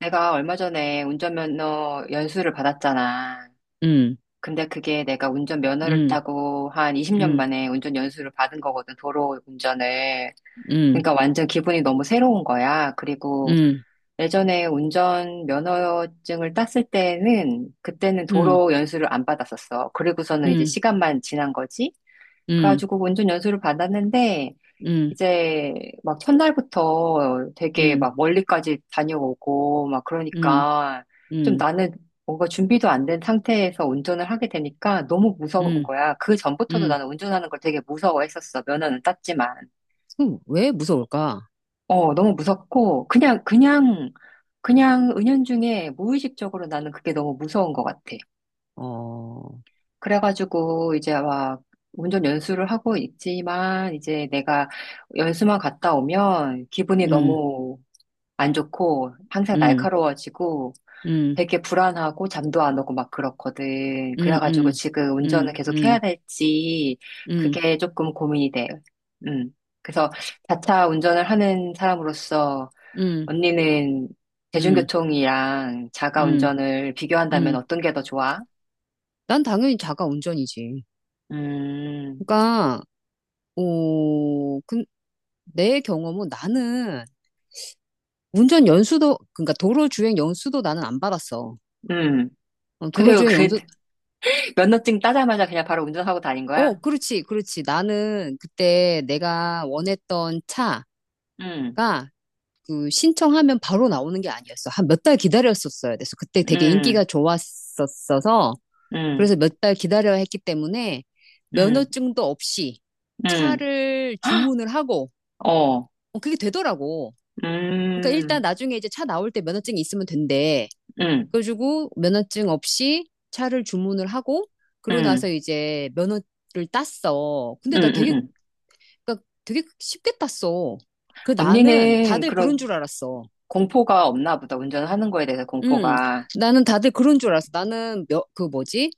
내가 얼마 전에 운전면허 연수를 받았잖아. 음, 근데 그게 내가 운전면허를 음, 따고 한 20년 음, 만에 운전 연수를 받은 거거든, 도로 운전을. 음, 그러니까 완전 기분이 너무 새로운 거야. 그리고 음, 예전에 운전면허증을 땄을 때는, 그때는 음, 도로 연수를 안 받았었어. 그리고서는 이제 음, 시간만 지난 거지? 음, 그래가지고 운전 연수를 받았는데, 음, 이제 막 첫날부터 되게 음, 막 멀리까지 다녀오고 막 음, 그러니까 좀 음, 나는 뭔가 준비도 안 된 상태에서 운전을 하게 되니까 너무 무서운 음, 거야. 그 전부터도 음. 나는 운전하는 걸 되게 무서워했었어. 면허는 땄지만. 그럼 왜 무서울까? 어, 너무 무섭고 그냥 은연중에 무의식적으로 나는 그게 너무 무서운 것 같아. 어, 그래가지고 이제 막 운전 연수를 하고 있지만 이제 내가 연수만 갔다 오면 기분이 음, 너무 안 좋고 항상 음, 날카로워지고 음, 되게 불안하고 잠도 안 오고 막 그렇거든. 음, 그래가지고 음, 지금 운전을 음, 계속 해야 음, 될지 음, 그게 조금 고민이 돼. 음. 그래서 자차 운전을 하는 사람으로서 음, 언니는 음, 대중교통이랑 자가 음, 운전을 비교한다면 음. 어떤 게 더 좋아? 난 당연히 자가 운전이지. 음, 그러니까, 오, 그, 내 경험은 나는 운전 연수도, 그러니까 도로주행 연수도 나는 안 받았어. 음. 어, 근데 도로주행 그 연수도. 면허증 따자마자 그냥 바로 운전하고 다닌 어, 거야? 그렇지, 그렇지. 나는 그때 내가 원했던 차가 음, 그 신청하면 바로 나오는 게 아니었어. 한 몇 달 기다렸었어야 돼서 그때 되게 인기가 음, 좋았었어서 음, 그래서 몇 달 기다려야 했기 때문에 음, 면허증도 없이 음. 차를 주문을 하고, 어. 어, 그게 되더라고. 그러니까 일단 음, 나중에 이제 차 나올 때 면허증이 있으면 된대. 음, 그래가지고 면허증 없이 차를 주문을 하고 그러고 나서 음, 이제 면허 를 땄어. 음, 근데 나 음, 되게, 음. 그러니까 되게 쉽게 땄어. 그 나는 언니는 다들 그런 그런 줄 알았어. 공포가 없나 보다. 운전하는 거에 대해서 음, 공포가. 나는 다들 그런 줄 알았어. 나는 몇, 그 뭐지?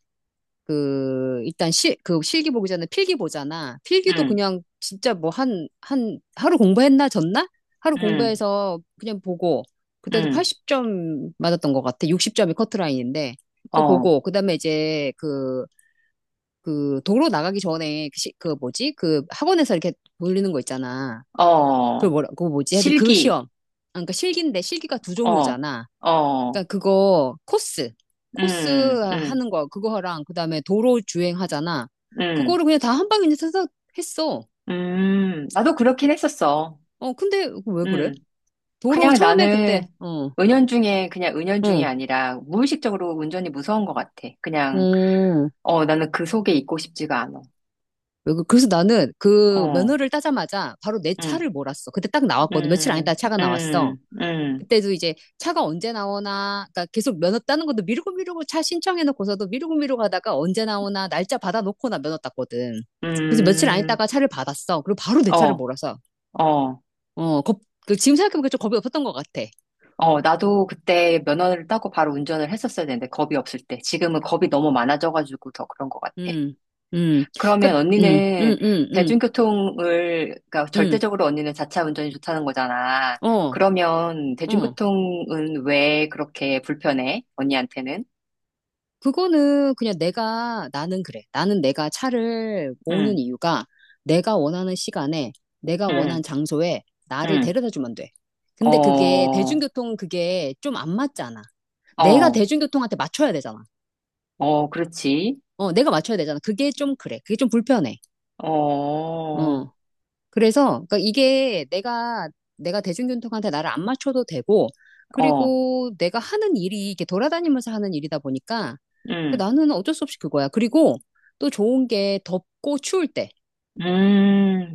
그, 일단 그 실기 보기 전에 필기 보잖아. 필기도 음, 그냥 진짜 뭐 하루 공부했나, 졌나? 하루 음, 공부해서 그냥 보고, 그때도 음, 80점 맞았던 것 같아. 60점이 커트라인인데. 그거 어, 보고, 그 다음에 이제 그, 그 도로 나가기 전에 그, 그 뭐지? 그 학원에서 이렇게 돌리는 거 있잖아. 그 어, 뭐라 그거 뭐지? 하여튼 그 실기, 시험. 아, 그러니까 실기인데 실기가 두 어, 종류잖아. 어, 그러니까 그거 코스 음, 음, 하는 거 그거랑 그다음에 도로 주행하잖아. 음, 그거를 그냥 다 한 방에 그냥 서서 했어. 나도 그렇긴 했었어. 어, 근데 왜 그래? 음. 도로 그냥 처음에 그때 나는 어, 은연중에, 그냥 은연중이 어. 아니라 무의식적으로 운전이 무서운 것 같아. 그냥, 음. 어, 나는 그 속에 있고 싶지가 않아. 왜 그래서 나는 그 어, 면허를 따자마자 바로 내 음. 차를 몰았어. 그때 딱 나왔거든. 며칠 안 있다 음, 차가 나왔어. 음, 음, 그때도 이제 차가 언제 나오나, 그러니까 계속 면허 따는 것도 미루고 미루고 차 신청해놓고서도 미루고 미루고 하다가 언제 나오나 날짜 받아놓고 나 면허 땄거든. 음, 그래서 며칠 안 있다가 음. 차를 받았어. 그리고 바로 내 차를 어, 몰아서. 어, 어, 겁, 그 지금 생각해보니까 좀 겁이 없었던 것 같아. 어, 나도 그때 면허를 따고 바로 운전을 했었어야 되는데, 겁이 없을 때. 지금은 겁이 너무 많아져가지고 더 그런 것 같아. 음, 음, 그, 그러면 언니는 대중교통을, 그러니까 음, 절대적으로 언니는 자차 운전이 좋다는 거잖아. 어, 그러면 어. 대중교통은 왜 그렇게 불편해? 언니한테는? 그거는 그냥 나는 그래. 나는 내가 차를 모으는 응, 이유가 내가 원하는 시간에, 내가 원하는 응, 장소에 나를 응. 데려다 주면 돼. 어, 근데 그게, 어, 대중교통은 그게 좀 안 맞잖아. 내가 대중교통한테 맞춰야 되잖아. 어, 그렇지. 어, 내가 맞춰야 되잖아. 그게 좀 그래. 그게 좀 불편해. 어, 어. 그래서, 그러니까 이게 내가 대중교통한테 나를 안 맞춰도 되고, 어. 그리고 내가 하는 일이 이렇게 돌아다니면서 하는 일이다 보니까 그 음, 나는 어쩔 수 없이 그거야. 그리고 또 좋은 게 덥고 추울 때,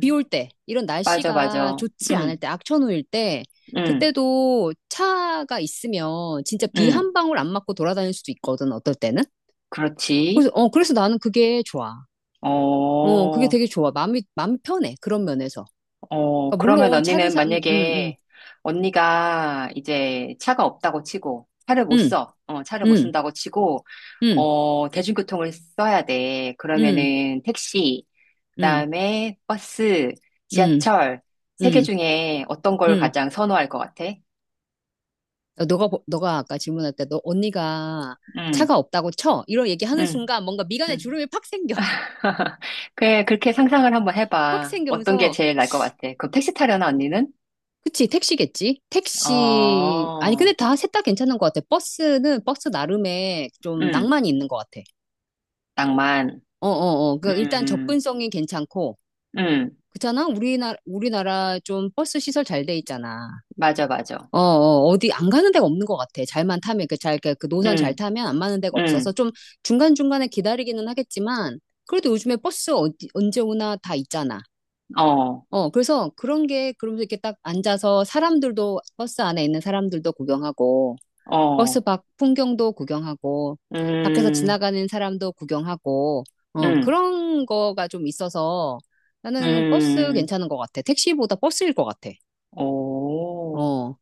비 올 때, 이런 맞아, 날씨가 맞아. 좋지 않을 때, 음, 악천후일 때, 음, 그때도 차가 있으면 진짜 비 음, 한 방울 안 맞고 돌아다닐 수도 있거든, 어떨 때는. 그렇지. 그래서, 그래서 나는 그게 좋아. 어, 어, 그게 되게 좋아. 마음이 편해. 그런 면에서. 어, 그러니까 그러면 물론 차를 언니는 산, 음, 음, 만약에 언니가 이제 차가 없다고 치고, 차를 못 써. 어, 차를 못 음, 쓴다고 치고, 음, 어, 대중교통을 써야 돼. 음, 음, 그러면은 택시, 음, 그다음에 버스, 음, 지하철, 세 개 음, 중에 어떤 음, 걸 음. 가장 선호할 것 같아? 어, 너가 아까 질문할 때 너 언니가 음, 차가 없다고 쳐. 이런 얘기하는 음, 순간 뭔가 미간에 음. 주름이 팍 생겨. 그래, 그렇게 상상을 한번 팍 해봐. 어떤 게 생기면서. 제일 나을 것 같아? 그럼 택시 타려나, 언니는? 그치, 택시겠지? 택시. 아니, 근데 어, 셋 다 괜찮은 것 같아. 버스는 버스 나름의 좀 음, 낭만이 있는 것 같아. 낭만. 어, 어, 어. 그, 일단 음, 접근성이 괜찮고. 음, 그렇잖아? 우리나라 좀 버스 시설 잘 돼 있잖아. 맞아, 맞아. 어, 어, 어디 안 가는 데가 없는 것 같아. 잘만 타면, 그 노선 잘 음, 타면 안 가는 데가 없어서 음, 좀 중간중간에 기다리기는 하겠지만, 그래도 요즘에 버스 어디, 언제 오나 다 있잖아. 어, 어, 그래서 그런 게, 그러면서 이렇게 딱 앉아서 사람들도, 버스 안에 있는 사람들도 구경하고, 버스 어, 밖 풍경도 구경하고, 밖에서 음, 지나가는 사람도 구경하고, 어, 음, 그런 거가 좀 있어서 나는 버스 음, 괜찮은 것 같아. 택시보다 버스일 것 같아. 오. 어,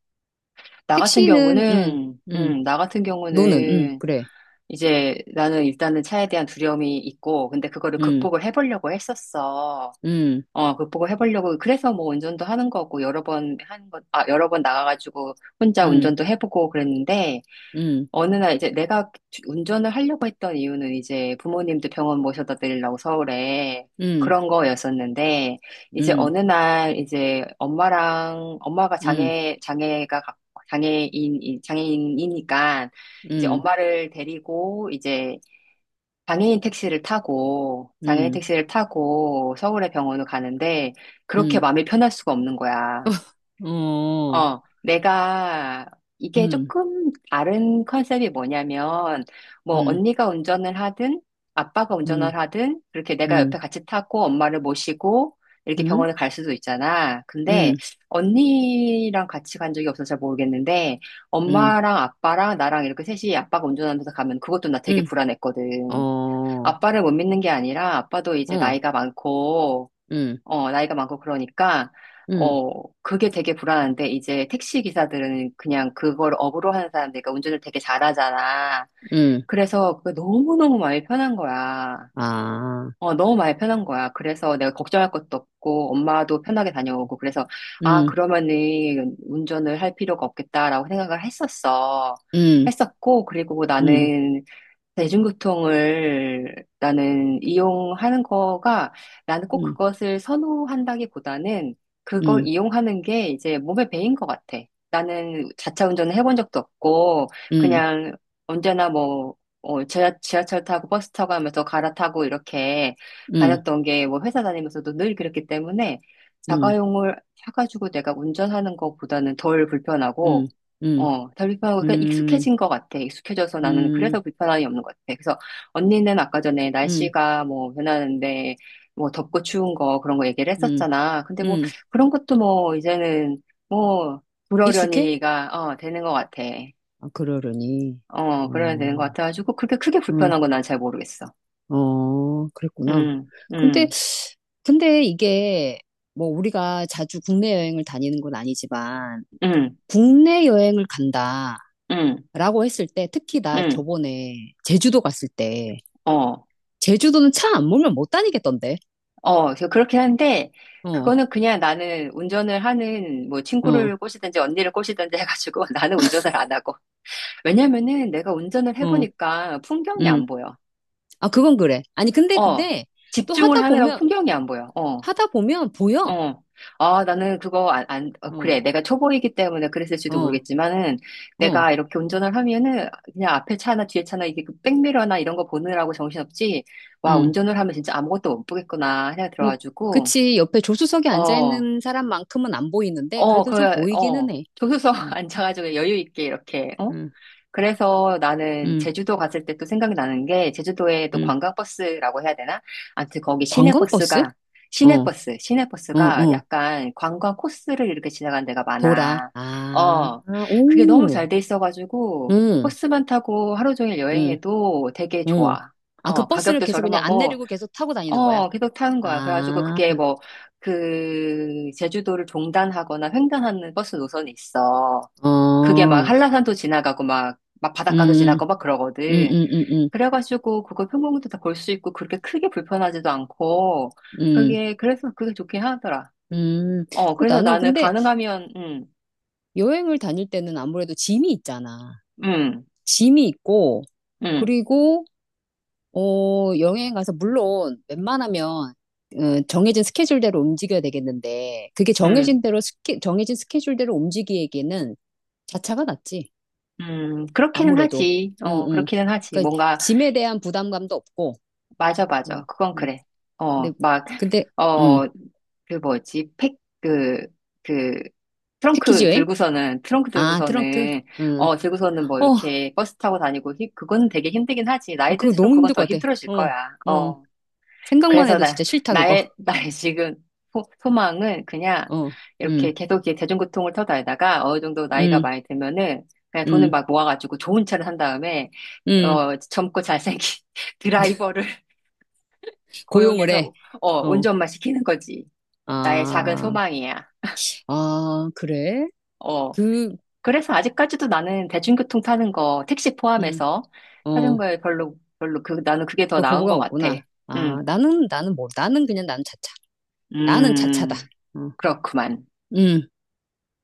택시는, 음. 나 같은 너는, 응, 경우는, 그래. 이제 나는 일단은 차에 대한 두려움이 있고, 근데 그거를 응, 극복을 해보려고 했었어. 응, 어, 극복을 해보려고, 그래서 뭐 운전도 하는 거고, 여러 번 하는 것, 아, 여러 번 나가가지고 혼자 응, 운전도 해보고 그랬는데, 응, 어느 날 이제 내가 운전을 하려고 했던 이유는 이제 부모님도 병원 모셔다 드리려고 서울에 응, 그런 거였었는데, 이제 응, 어느 날 이제 엄마랑, 엄마가 응, 장애인, 장애인이니까, 이제 응, 엄마를 데리고 이제 장애인 택시를 타고, 장애인 응, 택시를 타고 서울의 병원을 가는데, 그렇게 응, 마음이 편할 수가 없는 거야. 어, 어, 내가, 이게 응, 조금 다른 컨셉이 뭐냐면, 뭐, 응, 언니가 운전을 하든, 아빠가 응, 운전을 하든, 그렇게 내가 응, 옆에 같이 타고 엄마를 모시고, 이렇게 응, 병원을 갈 수도 있잖아. 근데, 응, 언니랑 같이 간 적이 없어서 잘 모르겠는데, 응, 엄마랑 아빠랑 나랑 이렇게 셋이 아빠가 운전하면서 가면 그것도 나 되게 응, 불안했거든. 어, 아빠를 못 믿는 게 아니라 아빠도 이제 어, 나이가 많고, 응, 어, 나이가 많고 그러니까, 응, 어, 그게 되게 불안한데 이제 택시 기사들은 그냥 그걸 업으로 하는 사람들, 그러니까 운전을 되게 잘하잖아. 응, 그래서 그게 너무너무 마음이 편한 거야. 아, 어, 너무 마음이 편한 거야. 그래서 내가 걱정할 것도 없고, 엄마도 편하게 다녀오고, 그래서, 아, 응, 그러면은 운전을 할 필요가 없겠다라고 생각을 했었어. 응, 했었고, 그리고 응, 나는 대중교통을 나는 이용하는 거가 나는 꼭 응, 그것을 선호한다기보다는 그걸 응, 이용하는 게 이제 몸에 배인 것 같아. 나는 자차 운전을 해본 적도 없고 응, 그냥 언제나 뭐 어, 지하철 타고 버스 타고 하면서 갈아타고 이렇게 응, 다녔던 게 뭐 회사 다니면서도 늘 그랬기 때문에 응, 자가용을 사가지고 내가 운전하는 것보다는 덜 응, 불편하고 응, 어, 다 불편하고, 그냥 응, 익숙해진 것 같아. 익숙해져서 나는 응, 그래서 불편함이 없는 것 같아. 그래서 언니는 아까 전에 응, 날씨가 뭐 변하는데, 뭐 덥고 추운 거 그런 거 얘기를 응, 했었잖아. 근데 뭐 응. 그런 것도 뭐 이제는 뭐 익숙해? 그러려니가, 어, 되는 것 같아. 아, 그러려니. 어, 그러면 어, 되는 것 같아가지고, 그렇게 크게 응. 불편한 건 난 잘 모르겠어. 어, 그랬구나. 음, 근데, 음, 근데 이게 뭐 우리가 자주 국내 여행을 다니는 건 아니지만 음, 국내 여행을 간다라고 음, 했을 때 특히 나 음, 저번에 제주도 갔을 때 어. 제주도는 차 안 몰면 못 다니겠던데. 어, 그래서 그렇게 하는데, 어, 그거는 그냥 나는 운전을 하는, 뭐, 어, 친구를 꼬시든지 언니를 꼬시든지 해가지고 나는 운전을 안 하고. 왜냐면은 내가 운전을 어, 해보니까 풍경이 음. 안 보여. 아, 그건 그래. 아니, 어, 근데 또 집중을 하느라고 풍경이 안 보여. 어, 하다 보면 보여. 어. 아, 나는 그거 안, 어, 어, 그래. 내가 초보이기 때문에 그랬을지도 어, 모르겠지만은 어, 내가 이렇게 운전을 하면은 그냥 앞에 차나 뒤에 차나 이게 그 백미러나 이런 거 보느라고 정신없지. 와, 음. 운전을 하면 진짜 아무것도 못 보겠구나 생각 음, 들어가지고. 그치. 옆에 조수석에 어. 앉아있는 사람만큼은 안 보이는데 어, 그래도 그, 좀 보이기는 어, 해. 조수석 음, 앉아가지고 여유 있게 이렇게, 어? 음, 그래서 나는 음, 제주도 갔을 때 또 생각이 나는 게, 제주도에 또 음. 관광버스라고 해야 되나? 아무튼 거기 관광버스? 시내버스가, 어, 어, 시내버스가 어. 약간 관광 코스를 이렇게 지나가는 데가 돌아. 많아. 아, 어, 그게 너무 오, 잘 돼 있어가지고, 응, 버스만 타고 하루 종일 응, 여행해도 되게 응. 좋아. 아, 그 어, 버스를 가격도 계속 그냥 안 저렴하고, 내리고 계속 타고 다니는 거야? 어, 계속 타는 거야. 그래가지고 아, 그게 뭐, 그, 제주도를 종단하거나 횡단하는 버스 노선이 있어. 어, 그게 막 한라산도 지나가고 막, 막 바닷가도 음, 지나고 막 음, 그러거든. 음, 음, 그래가지고 그거 평범도 다 볼 수 있고 그렇게 크게 불편하지도 않고, 음, 그게, 그래서 그게 좋긴 하더라. 음. 어, 그 그래서 나는 나는 근데 가능하면, 여행을 다닐 때는 아무래도 짐이 있잖아. 음, 짐이 있고, 음, 그리고 어, 여행 가서, 물론, 웬만하면, 어, 정해진 스케줄대로 움직여야 되겠는데, 그게 음, 정해진 스케줄대로 움직이기에는 자차가 낫지. 그렇기는 아무래도. 하지. 응, 어, 응. 그렇기는 하지. 그러니까, 뭔가 짐에 대한 부담감도 없고, 맞아, 맞아. 응, 그건 응. 그래. 어, 근데, 막, 근데, 응. 어, 그 뭐지, 팩, 그, 그, 패키지 여행? 트렁크 아, 트렁크? 들고서는, 응. 어, 들고서는 뭐 어, 이렇게 버스 타고 다니고, 그건 되게 힘들긴 하지. 나이 그거 들수록 너무 그건 힘들 더 것 같아. 힘들어질 어, 거야. 어. 어, 생각만 그래서 해도 진짜 싫다, 그거. 나의, 나의 지금 소망은 그냥 어, 응, 이렇게 계속 이렇게 대중교통을 타고 다니다가 어느 정도 나이가 응, 많이 들면은 그냥 돈을 응, 막 모아가지고 좋은 차를 산 다음에, 응. 어, 젊고 잘생긴 드라이버를 고용을 해. 고용해서 어, 어, 운전만 시키는 거지. 나의 작은 아. 소망이야. 아, 그래? 어. 그, 그래서 아직까지도 나는 대중교통 타는 거, 택시 음, 포함해서 어, 타는 거에 별로, 그, 나는 그게 더 그 나은 것 거부감 같아. 없구나. 음, 아, 나는 뭐, 나는 그냥 나는 자차. 나는 자차다. 음, 어, 그렇구만. 음.